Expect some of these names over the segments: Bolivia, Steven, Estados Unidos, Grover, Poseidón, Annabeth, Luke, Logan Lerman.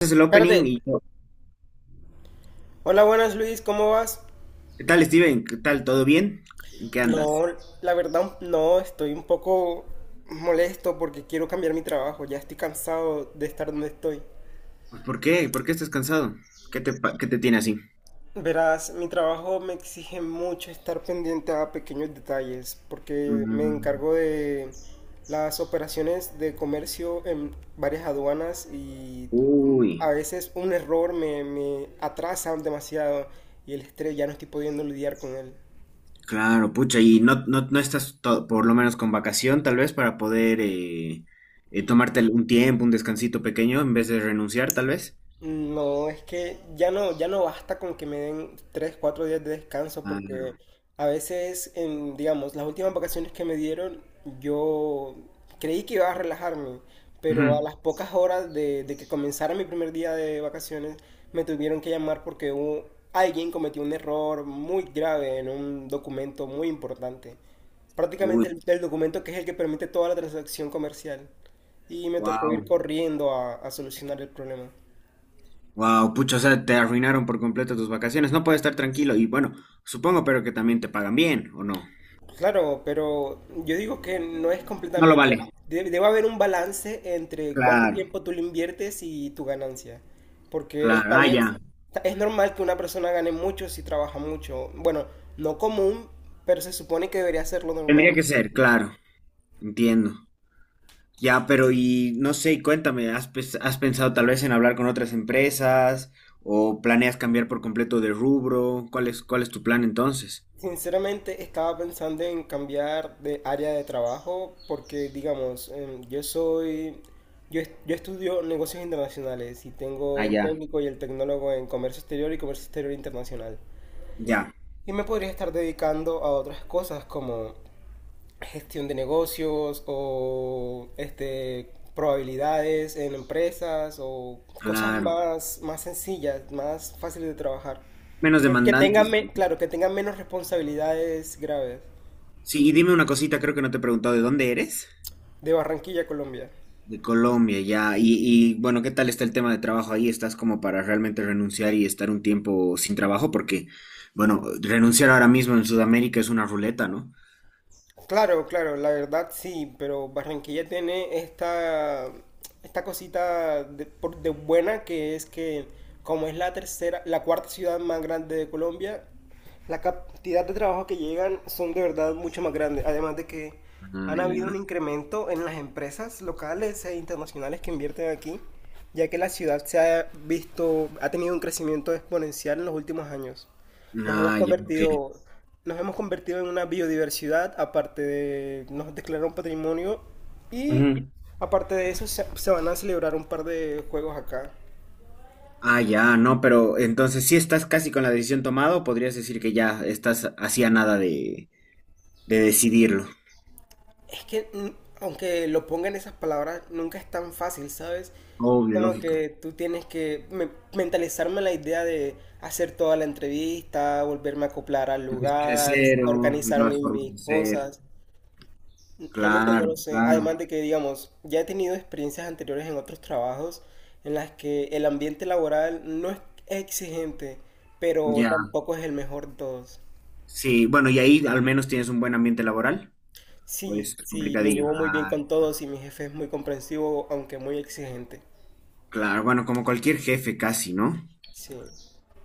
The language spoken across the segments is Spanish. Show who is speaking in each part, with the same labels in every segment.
Speaker 1: Es el opening
Speaker 2: Espérate.
Speaker 1: y yo,
Speaker 2: Hola, buenas, Luis, ¿cómo vas?
Speaker 1: ¿qué tal, Steven? ¿Qué tal? ¿Todo bien? ¿En qué andas?
Speaker 2: No, la verdad, no, estoy un poco molesto porque quiero cambiar mi trabajo. Ya estoy cansado de estar donde estoy.
Speaker 1: Pues, ¿por qué? ¿Por qué estás cansado? ¿Qué te tiene así?
Speaker 2: Verás, mi trabajo me exige mucho estar pendiente a pequeños detalles porque me
Speaker 1: Mm,
Speaker 2: encargo de las operaciones de comercio en varias aduanas y
Speaker 1: Uy,
Speaker 2: a veces un error me atrasa demasiado y el estrés ya no estoy pudiendo lidiar con él.
Speaker 1: claro, pucha, y no, no, no estás por lo menos con vacación, tal vez, para poder tomarte un tiempo, un descansito pequeño, en vez de renunciar, tal vez.
Speaker 2: No, es que ya no basta con que me den 3, 4 días de descanso porque
Speaker 1: Claro.
Speaker 2: a veces, digamos, las últimas vacaciones que me dieron, yo creí que iba a relajarme, pero a
Speaker 1: Ujú.
Speaker 2: las pocas horas de que comenzara mi primer día de vacaciones, me tuvieron que llamar porque alguien cometió un error muy grave en un documento muy importante.
Speaker 1: Uy,
Speaker 2: Prácticamente el documento que es el que permite toda la transacción comercial. Y me tocó ir
Speaker 1: wow,
Speaker 2: corriendo a solucionar el problema.
Speaker 1: wow, pucha, o sea, te arruinaron por completo tus vacaciones, no puedes estar tranquilo, y bueno, supongo, pero que también te pagan bien, ¿o no?
Speaker 2: Claro, pero yo digo que no es
Speaker 1: No lo
Speaker 2: completamente.
Speaker 1: vale.
Speaker 2: Debe haber un balance entre cuánto
Speaker 1: Claro.
Speaker 2: tiempo tú le inviertes y tu ganancia. Porque
Speaker 1: Claro,
Speaker 2: está
Speaker 1: ah,
Speaker 2: bien,
Speaker 1: ya.
Speaker 2: es normal que una persona gane mucho si trabaja mucho. Bueno, no común, pero se supone que debería ser lo normal.
Speaker 1: Tendría que ser, claro, entiendo. Ya, pero y no sé, y cuéntame, has pensado tal vez en hablar con otras empresas o planeas cambiar por completo de rubro? ¿Cuál es tu plan entonces?
Speaker 2: Sinceramente, estaba pensando en cambiar de área de trabajo porque, digamos, yo estudio negocios internacionales y tengo
Speaker 1: Ah,
Speaker 2: el
Speaker 1: ya,
Speaker 2: técnico y el tecnólogo en comercio exterior y comercio exterior internacional.
Speaker 1: ya,
Speaker 2: Y me podría estar dedicando a otras cosas como gestión de negocios o probabilidades en empresas o cosas
Speaker 1: claro.
Speaker 2: más sencillas, más fáciles de trabajar.
Speaker 1: Menos
Speaker 2: Que, que tengan,
Speaker 1: demandantes.
Speaker 2: me- claro, que tengan menos responsabilidades graves.
Speaker 1: Sí, y dime una cosita, creo que no te he preguntado, ¿de dónde eres?
Speaker 2: De Barranquilla, Colombia.
Speaker 1: De Colombia, ya. Y bueno, ¿qué tal está el tema de trabajo ahí? ¿Estás como para realmente renunciar y estar un tiempo sin trabajo? Porque, bueno, renunciar ahora mismo en Sudamérica es una ruleta, ¿no?
Speaker 2: Claro, claro, la verdad sí, pero Barranquilla tiene esta cosita de buena que es que como es la tercera, la cuarta ciudad más grande de Colombia, la cantidad de trabajo que llegan son de verdad mucho más grandes. Además de que
Speaker 1: Ah,
Speaker 2: han habido
Speaker 1: ya.
Speaker 2: un incremento en las empresas locales e internacionales que invierten aquí, ya que la ciudad se ha visto, ha tenido un crecimiento exponencial en los últimos años. Nos hemos
Speaker 1: Ah, ya, ok.
Speaker 2: convertido, nos hemos convertido en una biodiversidad, aparte de nos declararon patrimonio y
Speaker 1: Ujú.
Speaker 2: aparte de eso se van a celebrar un par de juegos acá.
Speaker 1: Ah, ya, no, pero entonces sí estás casi con la decisión tomada o podrías decir que ya estás hacía nada de decidirlo.
Speaker 2: Es que aunque lo pongan esas palabras, nunca es tan fácil, ¿sabes? Es
Speaker 1: Obvio,
Speaker 2: como
Speaker 1: lógico.
Speaker 2: que tú tienes que mentalizarme la idea de hacer toda la entrevista, volverme a acoplar al
Speaker 1: Empezaste de
Speaker 2: lugar,
Speaker 1: cero,
Speaker 2: organizar
Speaker 1: nuevas formas
Speaker 2: mis
Speaker 1: de ser.
Speaker 2: cosas. Realmente no
Speaker 1: Claro,
Speaker 2: lo sé. Además
Speaker 1: claro.
Speaker 2: de que, digamos, ya he tenido experiencias anteriores en otros trabajos en las que el ambiente laboral no es exigente, pero
Speaker 1: Ya,
Speaker 2: tampoco es el mejor de todos.
Speaker 1: sí, bueno, y ahí al menos tienes un buen ambiente laboral. Pues
Speaker 2: Sí, sí, me
Speaker 1: complicadillo.
Speaker 2: llevo muy bien
Speaker 1: Ah,
Speaker 2: con todos y mi jefe es muy comprensivo, aunque muy exigente.
Speaker 1: claro, bueno, como cualquier jefe casi, ¿no?
Speaker 2: Sí.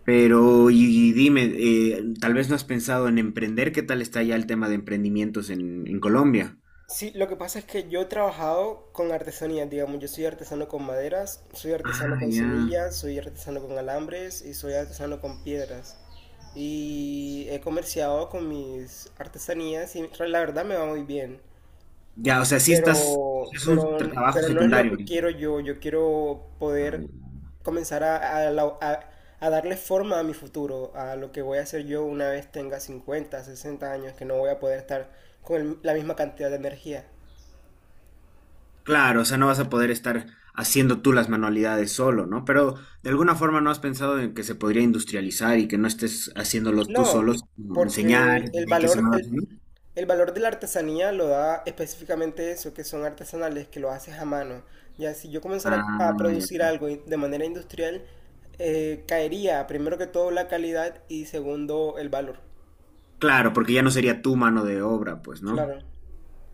Speaker 1: Pero, y dime, tal vez no has pensado en emprender, ¿qué tal está ya el tema de emprendimientos en Colombia?
Speaker 2: Sí, lo que pasa es que yo he trabajado con artesanías, digamos, yo soy artesano con maderas, soy artesano
Speaker 1: Ah,
Speaker 2: con
Speaker 1: ya.
Speaker 2: semillas, soy artesano con alambres y soy artesano con piedras. Y he comerciado con mis artesanías y la verdad me va muy bien.
Speaker 1: Ya, o sea, sí estás,
Speaker 2: Pero,
Speaker 1: es un
Speaker 2: pero,
Speaker 1: trabajo
Speaker 2: pero no es lo
Speaker 1: secundario
Speaker 2: que
Speaker 1: ahorita.
Speaker 2: quiero yo. Yo quiero
Speaker 1: Ah,
Speaker 2: poder
Speaker 1: ya.
Speaker 2: comenzar a darle forma a mi futuro, a lo que voy a hacer yo una vez tenga 50, 60 años, que no voy a poder estar con la misma cantidad de energía.
Speaker 1: Claro, o sea, no vas a poder estar haciendo tú las manualidades solo, ¿no? Pero de alguna forma no has pensado en que se podría industrializar y que no estés haciéndolos tú solos,
Speaker 2: No,
Speaker 1: como enseñar
Speaker 2: porque el
Speaker 1: y que se
Speaker 2: valor,
Speaker 1: mueva
Speaker 2: el,
Speaker 1: solo.
Speaker 2: el valor de la artesanía lo da específicamente eso, que son artesanales, que lo haces a mano. Ya si yo comenzara a
Speaker 1: Ah, ya.
Speaker 2: producir algo de manera industrial, caería primero que todo la calidad y segundo el valor.
Speaker 1: Claro, porque ya no sería tu mano de obra, pues, ¿no?
Speaker 2: Claro.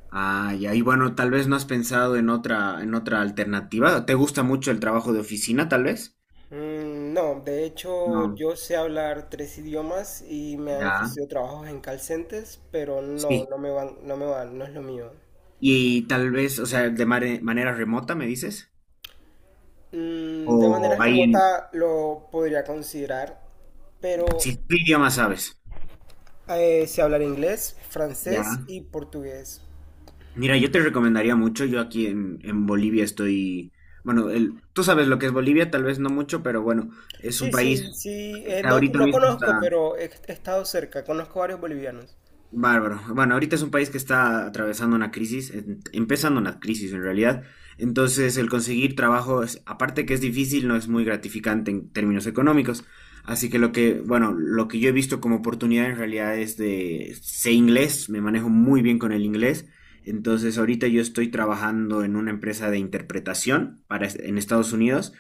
Speaker 1: Ah, ya. Y bueno, tal vez no has pensado en en otra alternativa. ¿Te gusta mucho el trabajo de oficina, tal vez?
Speaker 2: Mm, no, de hecho
Speaker 1: No.
Speaker 2: yo sé hablar tres idiomas y me han
Speaker 1: Ya.
Speaker 2: ofrecido trabajos en call centers, pero no,
Speaker 1: Sí.
Speaker 2: no me van, no es lo mío.
Speaker 1: Y tal vez, o sea, de manera remota, me dices,
Speaker 2: Mm, de manera
Speaker 1: o ahí en,
Speaker 2: remota lo podría considerar, pero
Speaker 1: si tu idioma sabes,
Speaker 2: sé hablar inglés, francés
Speaker 1: ya.
Speaker 2: y portugués.
Speaker 1: Mira, yo te recomendaría mucho, yo aquí en Bolivia estoy, bueno, el, tú sabes lo que es Bolivia, tal vez no mucho, pero bueno, es un
Speaker 2: Sí,
Speaker 1: país
Speaker 2: sí, sí,
Speaker 1: que
Speaker 2: no,
Speaker 1: ahorita
Speaker 2: no
Speaker 1: mismo
Speaker 2: conozco,
Speaker 1: está
Speaker 2: pero he estado cerca, conozco varios bolivianos.
Speaker 1: Bárbaro. Bueno, ahorita es un país que está atravesando una crisis, empezando una crisis en realidad. Entonces, el conseguir trabajo, aparte que es difícil, no es muy gratificante en términos económicos. Así que lo que, bueno, lo que yo he visto como oportunidad en realidad es de, sé inglés, me manejo muy bien con el inglés. Entonces, ahorita yo estoy trabajando en una empresa de interpretación en Estados Unidos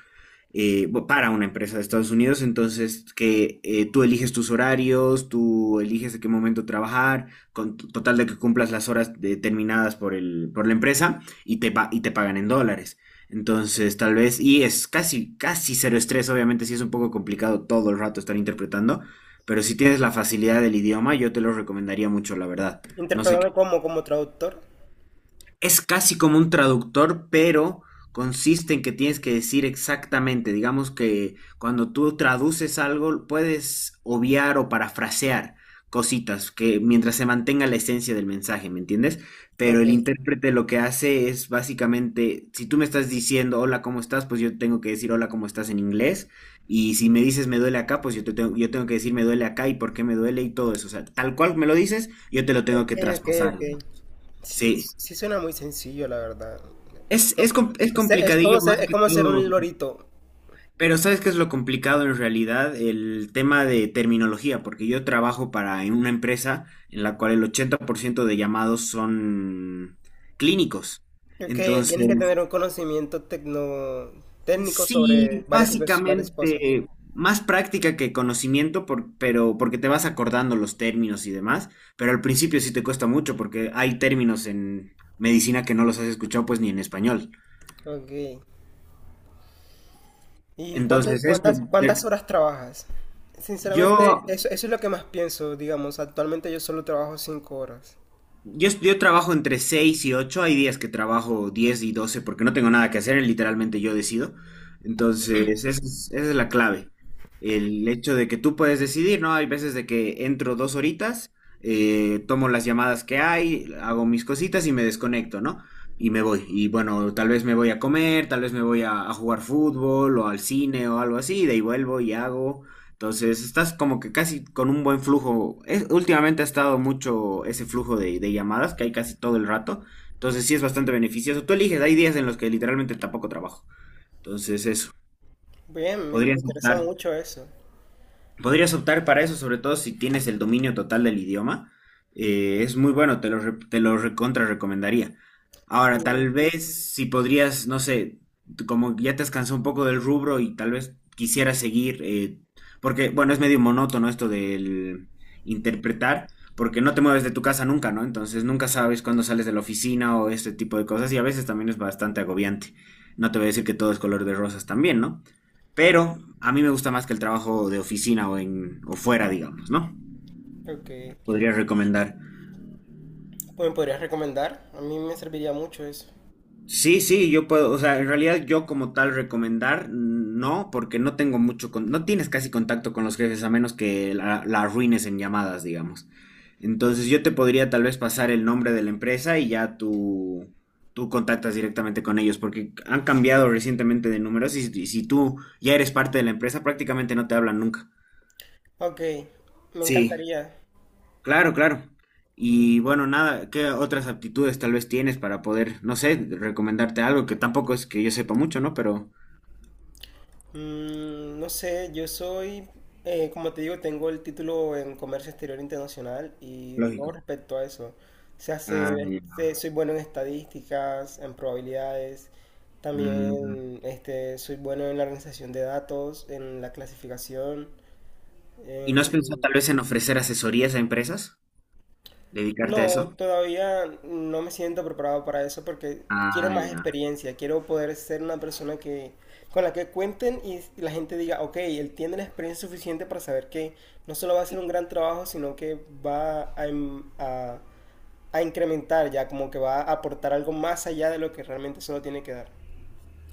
Speaker 1: para una empresa de Estados Unidos, entonces que tú eliges tus horarios, tú eliges en qué momento trabajar, con total de que cumplas las horas determinadas por por la empresa y te pagan en dólares. Entonces, tal vez, y es casi, casi cero estrés, obviamente sí es un poco complicado todo el rato estar interpretando, pero si tienes la facilidad del idioma, yo te lo recomendaría mucho, la verdad. No sé,
Speaker 2: Interpretando como traductor.
Speaker 1: es casi como un traductor, pero consiste en que tienes que decir exactamente. Digamos que cuando tú traduces algo, puedes obviar o parafrasear cositas que mientras se mantenga la esencia del mensaje, ¿me entiendes? Pero
Speaker 2: Ok,
Speaker 1: el intérprete lo que hace es básicamente, si tú me estás diciendo hola, ¿cómo estás? Pues yo tengo que decir hola, ¿cómo estás en inglés? Y si me dices me duele acá, pues yo tengo que decir me duele acá y por qué me duele y todo eso. O sea, tal cual me lo dices, yo te lo tengo
Speaker 2: ok,
Speaker 1: que
Speaker 2: ok,
Speaker 1: traspasar, ¿no?
Speaker 2: ok. Sí,
Speaker 1: Sí,
Speaker 2: sí suena muy sencillo, la verdad.
Speaker 1: es
Speaker 2: Es, es como
Speaker 1: complicadillo
Speaker 2: ser,
Speaker 1: más
Speaker 2: es
Speaker 1: que
Speaker 2: como ser
Speaker 1: todo,
Speaker 2: un lorito.
Speaker 1: pero ¿sabes qué es lo complicado en realidad? El tema de terminología, porque yo trabajo para en una empresa en la cual el 80% de llamados son clínicos.
Speaker 2: Que
Speaker 1: Entonces,
Speaker 2: tienes que tener un conocimiento técnico sobre
Speaker 1: sí,
Speaker 2: varias cosas.
Speaker 1: básicamente más práctica que conocimiento, pero porque te vas acordando los términos y demás, pero al principio sí te cuesta mucho porque hay términos en medicina que no los has escuchado pues ni en español.
Speaker 2: Ok. ¿Y cuántas,
Speaker 1: Entonces, eso,
Speaker 2: cuántas,
Speaker 1: eh,
Speaker 2: cuántas horas trabajas?
Speaker 1: yo
Speaker 2: Sinceramente, eso es lo que más pienso, digamos. Actualmente yo solo trabajo 5 horas.
Speaker 1: Yo, es- yo trabajo entre 6 y 8 hay días que trabajo 10 y 12 porque no tengo nada que hacer, literalmente yo decido. Entonces, esa es la clave. El hecho de que tú puedes decidir, ¿no? Hay veces de que entro 2 horitas, tomo las llamadas que hay, hago mis cositas y me desconecto, ¿no? Y me voy. Y bueno, tal vez me voy a comer, tal vez me voy a jugar fútbol o al cine o algo así, y de ahí vuelvo y hago. Entonces, estás como que casi con un buen flujo. Últimamente ha estado mucho ese flujo de llamadas que hay casi todo el rato. Entonces, sí es bastante beneficioso. Tú eliges, hay días en los que literalmente tampoco trabajo. Entonces, eso.
Speaker 2: Bien, me
Speaker 1: Podrías
Speaker 2: interesa
Speaker 1: optar.
Speaker 2: mucho eso.
Speaker 1: Podrías optar para eso, sobre todo si tienes el dominio total del idioma. Es muy bueno, te lo recontra recomendaría. Ahora,
Speaker 2: Mm.
Speaker 1: tal vez si podrías, no sé, tú como ya te has cansado un poco del rubro y tal vez quisieras seguir, porque, bueno, es medio monótono esto del interpretar, porque no te mueves de tu casa nunca, ¿no? Entonces nunca sabes cuándo sales de la oficina o este tipo de cosas y a veces también es bastante agobiante. No te voy a decir que todo es color de rosas también, ¿no? Pero a mí me gusta más que el trabajo de oficina o, en, o fuera, digamos, ¿no?
Speaker 2: Ok.
Speaker 1: Podría recomendar.
Speaker 2: Pues, ¿me podrías recomendar? A mí me serviría mucho eso.
Speaker 1: Sí, sí, yo puedo, o sea, en realidad yo como tal recomendar, no, porque no tengo mucho, no tienes casi contacto con los jefes a menos que la arruines en llamadas, digamos. Entonces yo te podría tal vez pasar el nombre de la empresa y ya tú contactas directamente con ellos, porque han cambiado recientemente de números y si tú ya eres parte de la empresa prácticamente no te hablan nunca.
Speaker 2: Ok, me
Speaker 1: Sí,
Speaker 2: encantaría.
Speaker 1: claro, claro. Y bueno, nada, ¿qué otras aptitudes tal vez tienes para poder, no sé, recomendarte algo que tampoco es que yo sepa mucho, ¿no? Pero
Speaker 2: Mm, no sé, como te digo, tengo el título en Comercio Exterior Internacional y todo
Speaker 1: lógico.
Speaker 2: respecto a eso. Se
Speaker 1: Ah,
Speaker 2: hace,
Speaker 1: ya.
Speaker 2: este, soy bueno en estadísticas, en probabilidades,
Speaker 1: Mm.
Speaker 2: también soy bueno en la organización de datos, en la clasificación.
Speaker 1: ¿Y no has pensado tal vez en ofrecer asesorías a empresas? ¿Dedicarte a
Speaker 2: No,
Speaker 1: eso?
Speaker 2: todavía no me siento preparado para eso porque quiero
Speaker 1: Ah,
Speaker 2: más
Speaker 1: ya.
Speaker 2: experiencia, quiero poder ser una persona que con la que cuenten y la gente diga, ok, él tiene la experiencia suficiente para saber que no solo va a hacer un gran trabajo, sino que va a incrementar ya, como que va a aportar algo más allá de lo que realmente solo tiene que dar.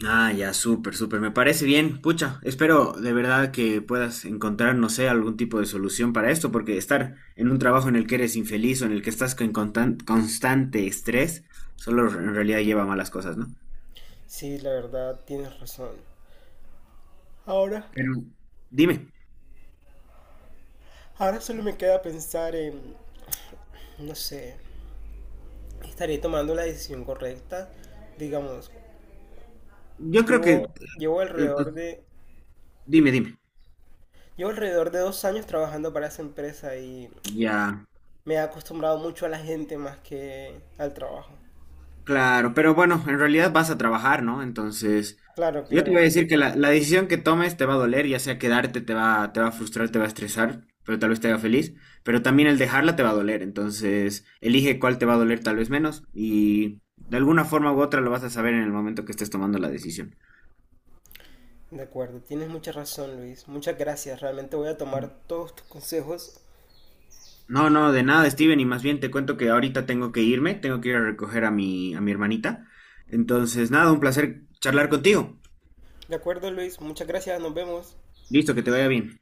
Speaker 1: Ah, ya, súper, súper. Me parece bien. Pucha, espero de verdad que puedas encontrar, no sé, algún tipo de solución para esto, porque estar en un trabajo en el que eres infeliz o en el que estás con constante estrés, solo en realidad lleva a malas cosas, ¿no?
Speaker 2: Sí, la verdad, tienes razón. Ahora,
Speaker 1: Pero dime,
Speaker 2: ahora solo me queda pensar en, no sé, estaré tomando la decisión correcta, digamos.
Speaker 1: yo creo que,
Speaker 2: Llevo, llevo
Speaker 1: pues,
Speaker 2: alrededor de,
Speaker 1: dime, dime.
Speaker 2: llevo alrededor de 2 años trabajando para esa empresa y
Speaker 1: Ya,
Speaker 2: me he acostumbrado mucho a la gente más que al trabajo.
Speaker 1: claro, pero bueno, en realidad vas a trabajar, ¿no? Entonces,
Speaker 2: Claro,
Speaker 1: yo te voy a
Speaker 2: claro.
Speaker 1: decir que la decisión que tomes te va a doler, ya sea quedarte te va a frustrar, te va a estresar, pero tal vez te haga feliz, pero también el dejarla te va a doler, entonces elige cuál te va a doler tal vez menos y de alguna forma u otra lo vas a saber en el momento que estés tomando la decisión.
Speaker 2: De acuerdo, tienes mucha razón, Luis. Muchas gracias. Realmente voy a tomar todos tus consejos.
Speaker 1: No, no, de nada, Steven, y más bien te cuento que ahorita tengo que irme, tengo que ir a recoger a mi hermanita. Entonces, nada, un placer charlar contigo.
Speaker 2: De acuerdo, Luis. Muchas gracias. Nos vemos.
Speaker 1: Listo, que te vaya bien.